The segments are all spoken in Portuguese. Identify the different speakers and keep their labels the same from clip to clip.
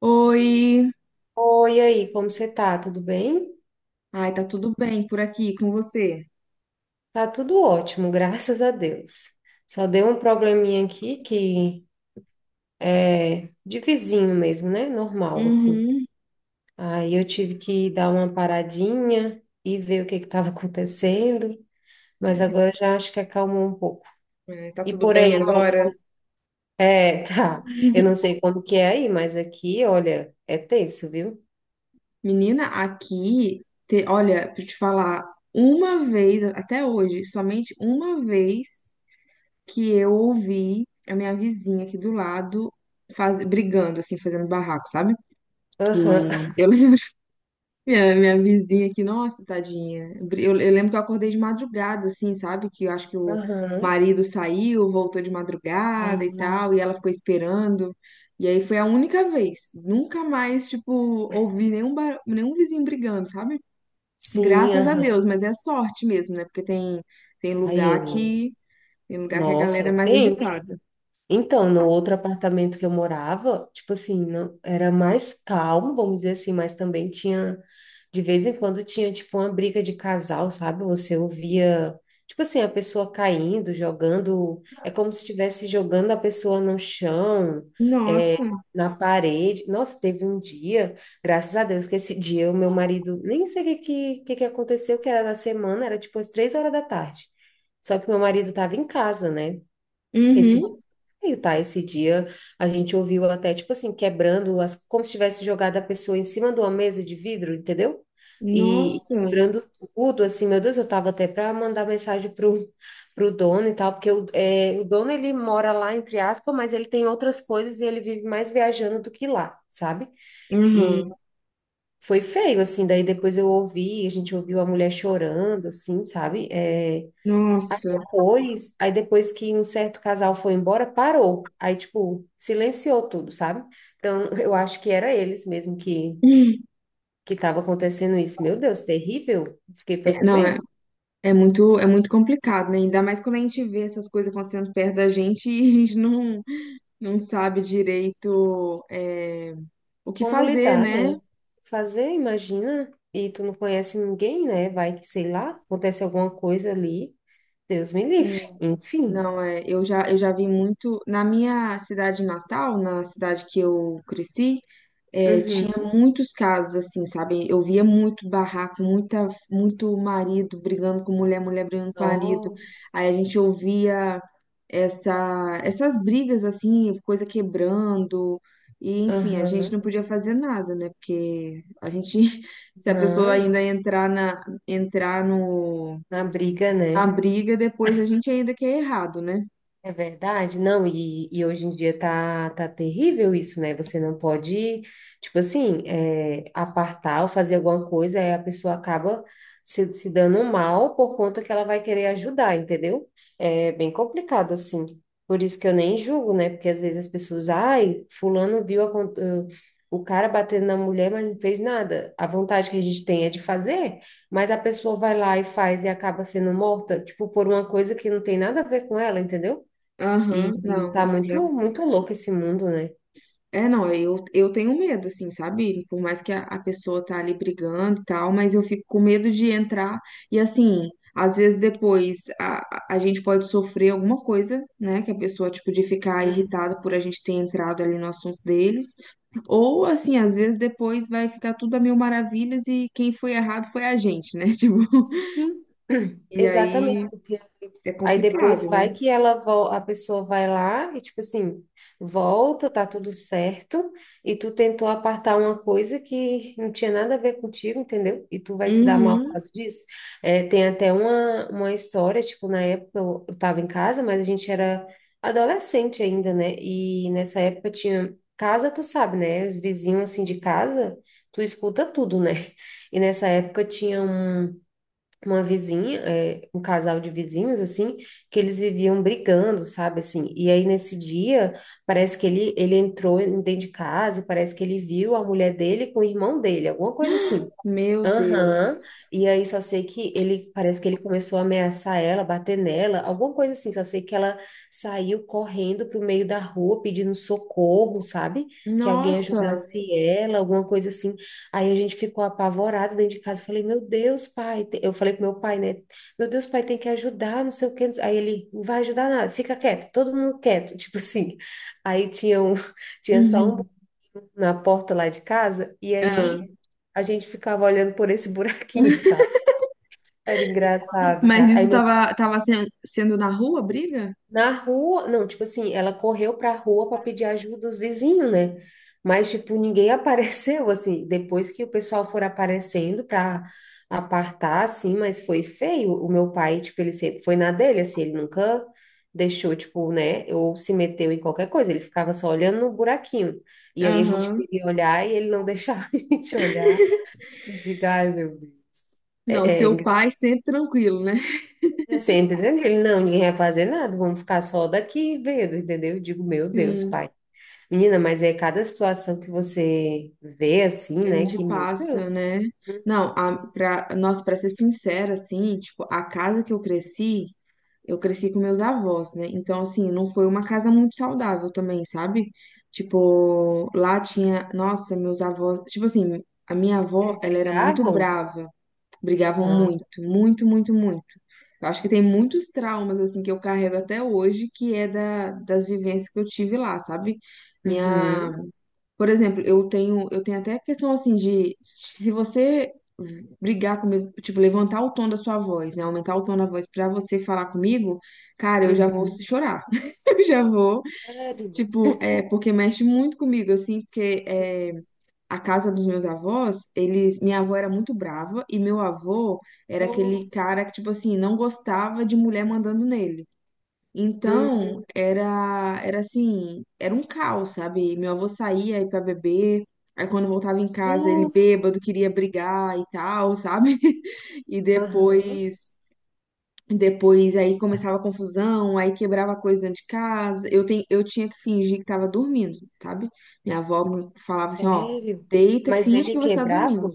Speaker 1: Oi,
Speaker 2: Oi, e aí, como você tá? Tudo bem?
Speaker 1: ai, tá tudo bem por aqui com você?
Speaker 2: Tá tudo ótimo, graças a Deus. Só deu um probleminha aqui que é de vizinho mesmo, né? Normal, assim.
Speaker 1: Uhum.
Speaker 2: Aí eu tive que dar uma paradinha e ver o que que estava acontecendo, mas agora já acho que acalmou um pouco.
Speaker 1: É, tá
Speaker 2: E
Speaker 1: tudo
Speaker 2: por
Speaker 1: bem
Speaker 2: aí, como
Speaker 1: agora?
Speaker 2: que... É, tá. Eu não sei como que é aí, mas aqui, olha, é tenso, viu?
Speaker 1: Menina, aqui, olha, pra eu te falar, uma vez, até hoje, somente uma vez que eu ouvi a minha vizinha aqui do lado faz, brigando, assim, fazendo barraco, sabe? Que
Speaker 2: Aham,
Speaker 1: eu, minha vizinha aqui, nossa, tadinha. Eu lembro que eu acordei de madrugada, assim, sabe? Que eu acho que o
Speaker 2: aham.
Speaker 1: marido saiu, voltou de madrugada e
Speaker 2: Ah,
Speaker 1: tal, e ela ficou esperando. E aí foi a única vez. Nunca mais, tipo, ouvi nenhum, nenhum vizinho brigando, sabe?
Speaker 2: sim,
Speaker 1: Graças a
Speaker 2: aham.
Speaker 1: Deus, mas é sorte mesmo, né? Porque tem, tem lugar
Speaker 2: Ai, é.
Speaker 1: que, tem lugar que a
Speaker 2: Nossa,
Speaker 1: galera é
Speaker 2: é
Speaker 1: mais
Speaker 2: tenso.
Speaker 1: agitada.
Speaker 2: Então, no outro apartamento que eu morava, tipo assim, não, era mais calmo, vamos dizer assim, mas também tinha, de vez em quando tinha, tipo, uma briga de casal, sabe? Você ouvia, tipo assim, a pessoa caindo, jogando, é como se estivesse jogando a pessoa no chão, é,
Speaker 1: Nossa,
Speaker 2: na parede. Nossa, teve um dia, graças a Deus, que esse dia o meu marido, nem sei o que, que aconteceu, que era na semana, era tipo umas 3 horas da tarde. Só que meu marido estava em casa, né? Esse
Speaker 1: uhum,
Speaker 2: esse dia a gente ouviu ela até, tipo assim, quebrando as, como se tivesse jogado a pessoa em cima de uma mesa de vidro, entendeu? E
Speaker 1: nossa,
Speaker 2: quebrando tudo, assim, meu Deus, eu tava até para mandar mensagem pro dono e tal, porque o, é, o dono, ele mora lá, entre aspas, mas ele tem outras coisas e ele vive mais viajando do que lá, sabe? E
Speaker 1: uhum,
Speaker 2: foi feio, assim, daí depois eu ouvi, a gente ouviu a mulher chorando, assim, sabe? É,
Speaker 1: nossa.
Speaker 2: pois, aí depois que um certo casal foi embora, parou. Aí, tipo, silenciou tudo, sabe? Então, eu acho que era eles mesmo que estava acontecendo isso. Meu Deus, terrível. Fiquei foi
Speaker 1: É,
Speaker 2: com
Speaker 1: não, é.
Speaker 2: medo.
Speaker 1: É muito complicado, né? Ainda mais quando a gente vê essas coisas acontecendo perto da gente e a gente não, não sabe direito o que
Speaker 2: Como
Speaker 1: fazer,
Speaker 2: lidar,
Speaker 1: né?
Speaker 2: né? Fazer, imagina. E tu não conhece ninguém, né? Vai que, sei lá, acontece alguma coisa ali. Deus me
Speaker 1: Sim.
Speaker 2: livre. Enfim.
Speaker 1: Não, é, eu já vi muito. Na minha cidade natal, na cidade que eu cresci, é, tinha
Speaker 2: Uhum.
Speaker 1: muitos casos assim, sabe? Eu via muito barraco, muita, muito marido brigando com mulher, mulher brigando com marido.
Speaker 2: Nossa.
Speaker 1: Aí a gente ouvia essas brigas assim, coisa quebrando. E enfim, a gente não
Speaker 2: Aham.
Speaker 1: podia fazer nada, né? Porque a gente, se a pessoa
Speaker 2: Não,
Speaker 1: ainda entrar entrar no,
Speaker 2: na briga,
Speaker 1: na
Speaker 2: né?
Speaker 1: briga, depois a gente ainda que é errado, né?
Speaker 2: É verdade, não, e hoje em dia tá terrível isso, né? Você não pode, tipo assim, apartar ou fazer alguma coisa, aí a pessoa acaba se dando mal por conta que ela vai querer ajudar, entendeu? É bem complicado, assim. Por isso que eu nem julgo, né? Porque às vezes as pessoas, ai, fulano viu a o cara batendo na mulher, mas não fez nada. A vontade que a gente tem é de fazer, mas a pessoa vai lá e faz e acaba sendo morta, tipo, por uma coisa que não tem nada a ver com ela, entendeu? E,
Speaker 1: Aham,
Speaker 2: e tá
Speaker 1: não,
Speaker 2: muito, muito louco esse mundo, né?
Speaker 1: é, não, eu tenho medo, assim, sabe? Por mais que a pessoa tá ali brigando e tal, mas eu fico com medo de entrar e, assim, às vezes depois a gente pode sofrer alguma coisa, né? Que a pessoa, tipo, de ficar
Speaker 2: Uhum.
Speaker 1: irritada por a gente ter entrado ali no assunto deles. Ou, assim, às vezes depois vai ficar tudo a mil maravilhas e quem foi errado foi a gente, né? Tipo,
Speaker 2: Uhum.
Speaker 1: e
Speaker 2: Exatamente.
Speaker 1: aí é
Speaker 2: Aí depois
Speaker 1: complicado,
Speaker 2: vai
Speaker 1: né?
Speaker 2: a pessoa vai lá e tipo assim, volta, tá tudo certo, e tu tentou apartar uma coisa que não tinha nada a ver contigo, entendeu? E tu vai se dar mal por
Speaker 1: Uhum,
Speaker 2: causa disso. É, tem até uma história, tipo, na época eu tava em casa, mas a gente era adolescente ainda, né? E nessa época tinha casa, tu sabe, né? Os vizinhos assim de casa, tu escuta tudo, né? E nessa época tinha uma vizinha, é, um casal de vizinhos, assim, que eles viviam brigando, sabe, assim, e aí nesse dia, parece que ele dentro de casa, e parece que ele viu a mulher dele com o irmão dele, alguma coisa assim,
Speaker 1: meu
Speaker 2: aham.
Speaker 1: Deus.
Speaker 2: E aí só sei que ele, parece que ele começou a ameaçar ela, bater nela, alguma coisa assim. Só sei que ela saiu correndo pro meio da rua pedindo socorro, sabe? Que alguém
Speaker 1: Nossa.
Speaker 2: ajudasse ela, alguma coisa assim. Aí a gente ficou apavorado dentro de casa. Eu falei, meu Deus, pai. Eu falei pro meu pai, né? Meu Deus, pai, tem que ajudar, não sei o quê. Aí ele, não vai ajudar nada, fica quieto, todo mundo quieto, tipo assim. Aí tinha um, tinha só um
Speaker 1: Uhum.
Speaker 2: na porta lá de casa, e aí
Speaker 1: Ah.
Speaker 2: a gente ficava olhando por esse buraquinho, sabe? Era engraçado,
Speaker 1: Mas
Speaker 2: cara. Aí
Speaker 1: isso
Speaker 2: meu-
Speaker 1: tava, sendo na rua, a briga?
Speaker 2: na rua, não, tipo assim, ela correu pra rua para pedir ajuda dos vizinhos, né? Mas, tipo, ninguém apareceu, assim, depois que o pessoal for aparecendo pra apartar, assim, mas foi feio. O meu pai, tipo, ele sempre foi na dele, assim, ele nunca deixou, tipo, né, ou se meteu em qualquer coisa, ele ficava só olhando no buraquinho. E aí a gente
Speaker 1: Aham.
Speaker 2: queria olhar e ele não deixava a gente olhar. Eu digo, ai, meu Deus.
Speaker 1: Não,
Speaker 2: É,
Speaker 1: seu
Speaker 2: engraçado.
Speaker 1: pai sempre tranquilo, né?
Speaker 2: É sempre tranquilo. Não, ninguém vai fazer nada. Vamos ficar só daqui vendo, entendeu? Eu digo, meu Deus,
Speaker 1: Sim,
Speaker 2: pai. Menina, mas é cada situação que você vê assim,
Speaker 1: que a
Speaker 2: né?
Speaker 1: gente
Speaker 2: Que, meu
Speaker 1: passa,
Speaker 2: Deus.
Speaker 1: né? Não,
Speaker 2: Uhum.
Speaker 1: a, pra, nossa, pra ser sincera, assim, tipo, a casa que eu cresci com meus avós, né? Então, assim, não foi uma casa muito saudável também, sabe? Tipo, lá tinha, nossa, meus avós, tipo assim, a minha avó,
Speaker 2: Eles
Speaker 1: ela era muito
Speaker 2: brigavam?
Speaker 1: brava. Brigavam
Speaker 2: Ah.
Speaker 1: muito, muito, muito, muito. Eu acho que tem muitos traumas, assim, que eu carrego até hoje, que é da, das vivências que eu tive lá, sabe? Minha…
Speaker 2: Uhum.
Speaker 1: Por exemplo, eu tenho até a questão, assim, de se você brigar comigo, tipo, levantar o tom da sua voz, né? Aumentar o tom da voz pra você falar comigo, cara, eu já vou
Speaker 2: Uhum.
Speaker 1: chorar. Eu já vou,
Speaker 2: Sério?
Speaker 1: tipo, é, porque mexe muito comigo, assim, porque é, a casa dos meus avós, eles, minha avó era muito brava e meu avô era
Speaker 2: Nossa.
Speaker 1: aquele cara que, tipo assim, não gostava de mulher mandando nele.
Speaker 2: Hum.
Speaker 1: Então, era assim, era um caos, sabe? Meu avô saía aí pra beber, aí quando voltava em casa, ele
Speaker 2: Nossa.
Speaker 1: bêbado, queria brigar e tal, sabe? E
Speaker 2: Aham.
Speaker 1: depois aí começava a confusão, aí quebrava coisa dentro de casa. Eu tinha que fingir que estava dormindo, sabe? Minha avó me falava assim, ó,
Speaker 2: Sério?
Speaker 1: deita,
Speaker 2: Mas
Speaker 1: finge
Speaker 2: ele
Speaker 1: que você está dormindo.
Speaker 2: quebrava?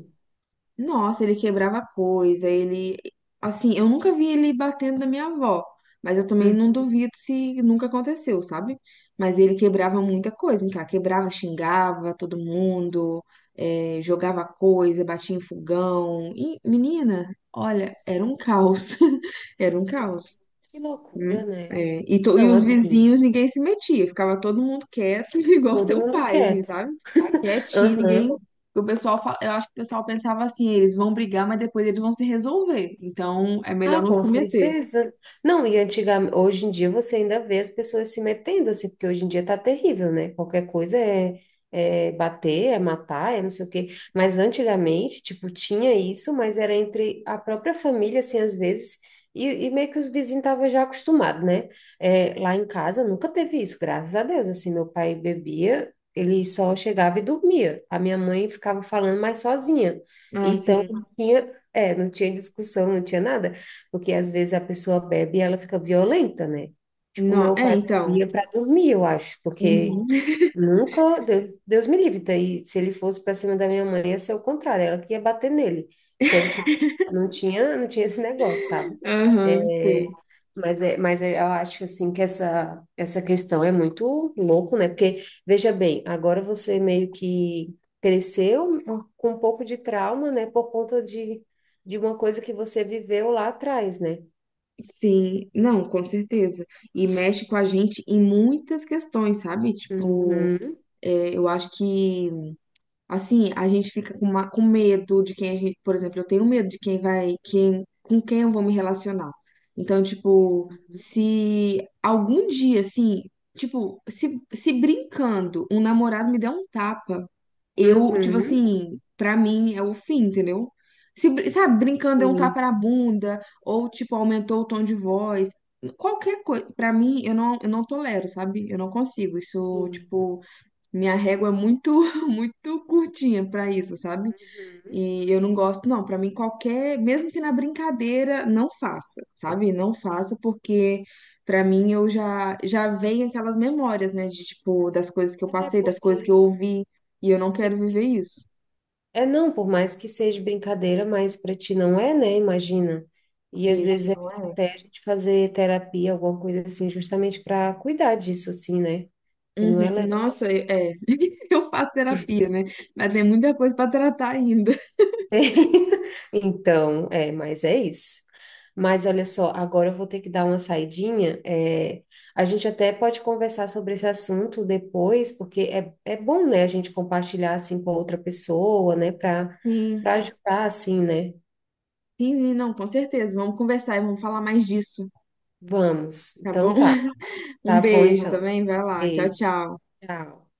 Speaker 1: Nossa, ele quebrava coisa, ele. Assim, eu nunca vi ele batendo na minha avó, mas eu também
Speaker 2: Hum.
Speaker 1: não duvido se nunca aconteceu, sabe? Mas ele quebrava muita coisa, hein, cara? Quebrava, xingava todo mundo, jogava coisa, batia em fogão. E, menina, olha, era um caos. Era um caos.
Speaker 2: Que
Speaker 1: Hum,
Speaker 2: loucura, né?
Speaker 1: é. E, e
Speaker 2: Não,
Speaker 1: os
Speaker 2: assim,
Speaker 1: vizinhos, ninguém se metia, ficava todo mundo quieto, igual
Speaker 2: todo
Speaker 1: seu
Speaker 2: mundo
Speaker 1: pai, assim,
Speaker 2: quieto.
Speaker 1: sabe? Quietinho, ninguém.
Speaker 2: Aham.
Speaker 1: O pessoal, eu acho que o pessoal pensava assim, eles vão brigar, mas depois eles vão se resolver. Então, é
Speaker 2: Ah,
Speaker 1: melhor não
Speaker 2: com
Speaker 1: se meter.
Speaker 2: certeza. Não, e antigamente, hoje em dia você ainda vê as pessoas se metendo assim, porque hoje em dia tá terrível, né? Qualquer coisa é, é bater, é matar, é não sei o quê. Mas antigamente, tipo, tinha isso, mas era entre a própria família, assim, às vezes, e meio que os vizinhos estavam já acostumados, né? É, lá em casa nunca teve isso, graças a Deus. Assim, meu pai bebia, ele só chegava e dormia. A minha mãe ficava falando mais sozinha.
Speaker 1: Ah, sim.
Speaker 2: Então, tinha, é, não tinha discussão, não tinha nada. Porque às vezes a pessoa bebe e ela fica violenta, né? Tipo,
Speaker 1: Não,
Speaker 2: meu
Speaker 1: é,
Speaker 2: pai
Speaker 1: então.
Speaker 2: bebia para dormir, eu acho, porque
Speaker 1: Uhum.
Speaker 2: nunca, Deus me livre, daí se ele fosse para cima da minha mãe, ia ser o contrário, ela que ia bater nele. Então, tipo, não tinha esse negócio, sabe?
Speaker 1: Aham, sei.
Speaker 2: É, mas, é, eu acho assim que essa questão é muito louco, né? Porque, veja bem, agora você meio que cresceu com um pouco de trauma, né? Por conta de uma coisa que você viveu lá atrás, né?
Speaker 1: Sim, não, com certeza. E mexe com a gente em muitas questões, sabe? Tipo,
Speaker 2: Uhum.
Speaker 1: é, eu acho que assim, a gente fica com, com medo de quem a gente, por exemplo, eu tenho medo de quem vai, quem, com quem eu vou me relacionar. Então, tipo, se algum dia, assim, tipo, se brincando, um namorado me der um tapa, eu, tipo
Speaker 2: Uhum.
Speaker 1: assim, pra mim é o fim, entendeu? Se, sabe, brincando é um
Speaker 2: Sim,
Speaker 1: tapa na bunda, ou, tipo, aumentou o tom de voz. Qualquer coisa, pra mim, eu não tolero, sabe? Eu não consigo. Isso,
Speaker 2: sim.
Speaker 1: tipo. Minha régua é muito, muito curtinha pra isso, sabe?
Speaker 2: Uhum.
Speaker 1: E eu não gosto, não. Pra mim, qualquer, mesmo que na brincadeira, não faça, sabe? Não faça, porque pra mim eu já vem aquelas memórias, né? De tipo, das coisas que eu
Speaker 2: É
Speaker 1: passei, das
Speaker 2: porque
Speaker 1: coisas que eu ouvi, e eu não
Speaker 2: que-
Speaker 1: quero
Speaker 2: tu-
Speaker 1: viver isso.
Speaker 2: é não, por mais que seja brincadeira, mas para ti não é, né? Imagina. E às vezes é
Speaker 1: Isso.
Speaker 2: até a gente fazer terapia, alguma coisa assim, justamente para cuidar disso, assim, né? E não é
Speaker 1: Uhum.
Speaker 2: legal.
Speaker 1: Nossa, é. Eu faço terapia, né? Mas tem muita coisa pra tratar ainda.
Speaker 2: Então, é, mas é isso. Mas olha só, agora eu vou ter que dar uma saidinha. É, a gente até pode conversar sobre esse assunto depois, porque é, é bom, né, a gente compartilhar assim com outra pessoa, né, para para
Speaker 1: Sim,
Speaker 2: ajudar assim, né?
Speaker 1: sim, não, com certeza. Vamos conversar e vamos falar mais disso,
Speaker 2: Vamos.
Speaker 1: tá bom?
Speaker 2: Então tá.
Speaker 1: Um
Speaker 2: Tá bom
Speaker 1: beijo
Speaker 2: então.
Speaker 1: também, vai lá. Tchau,
Speaker 2: Ei,
Speaker 1: tchau.
Speaker 2: tchau.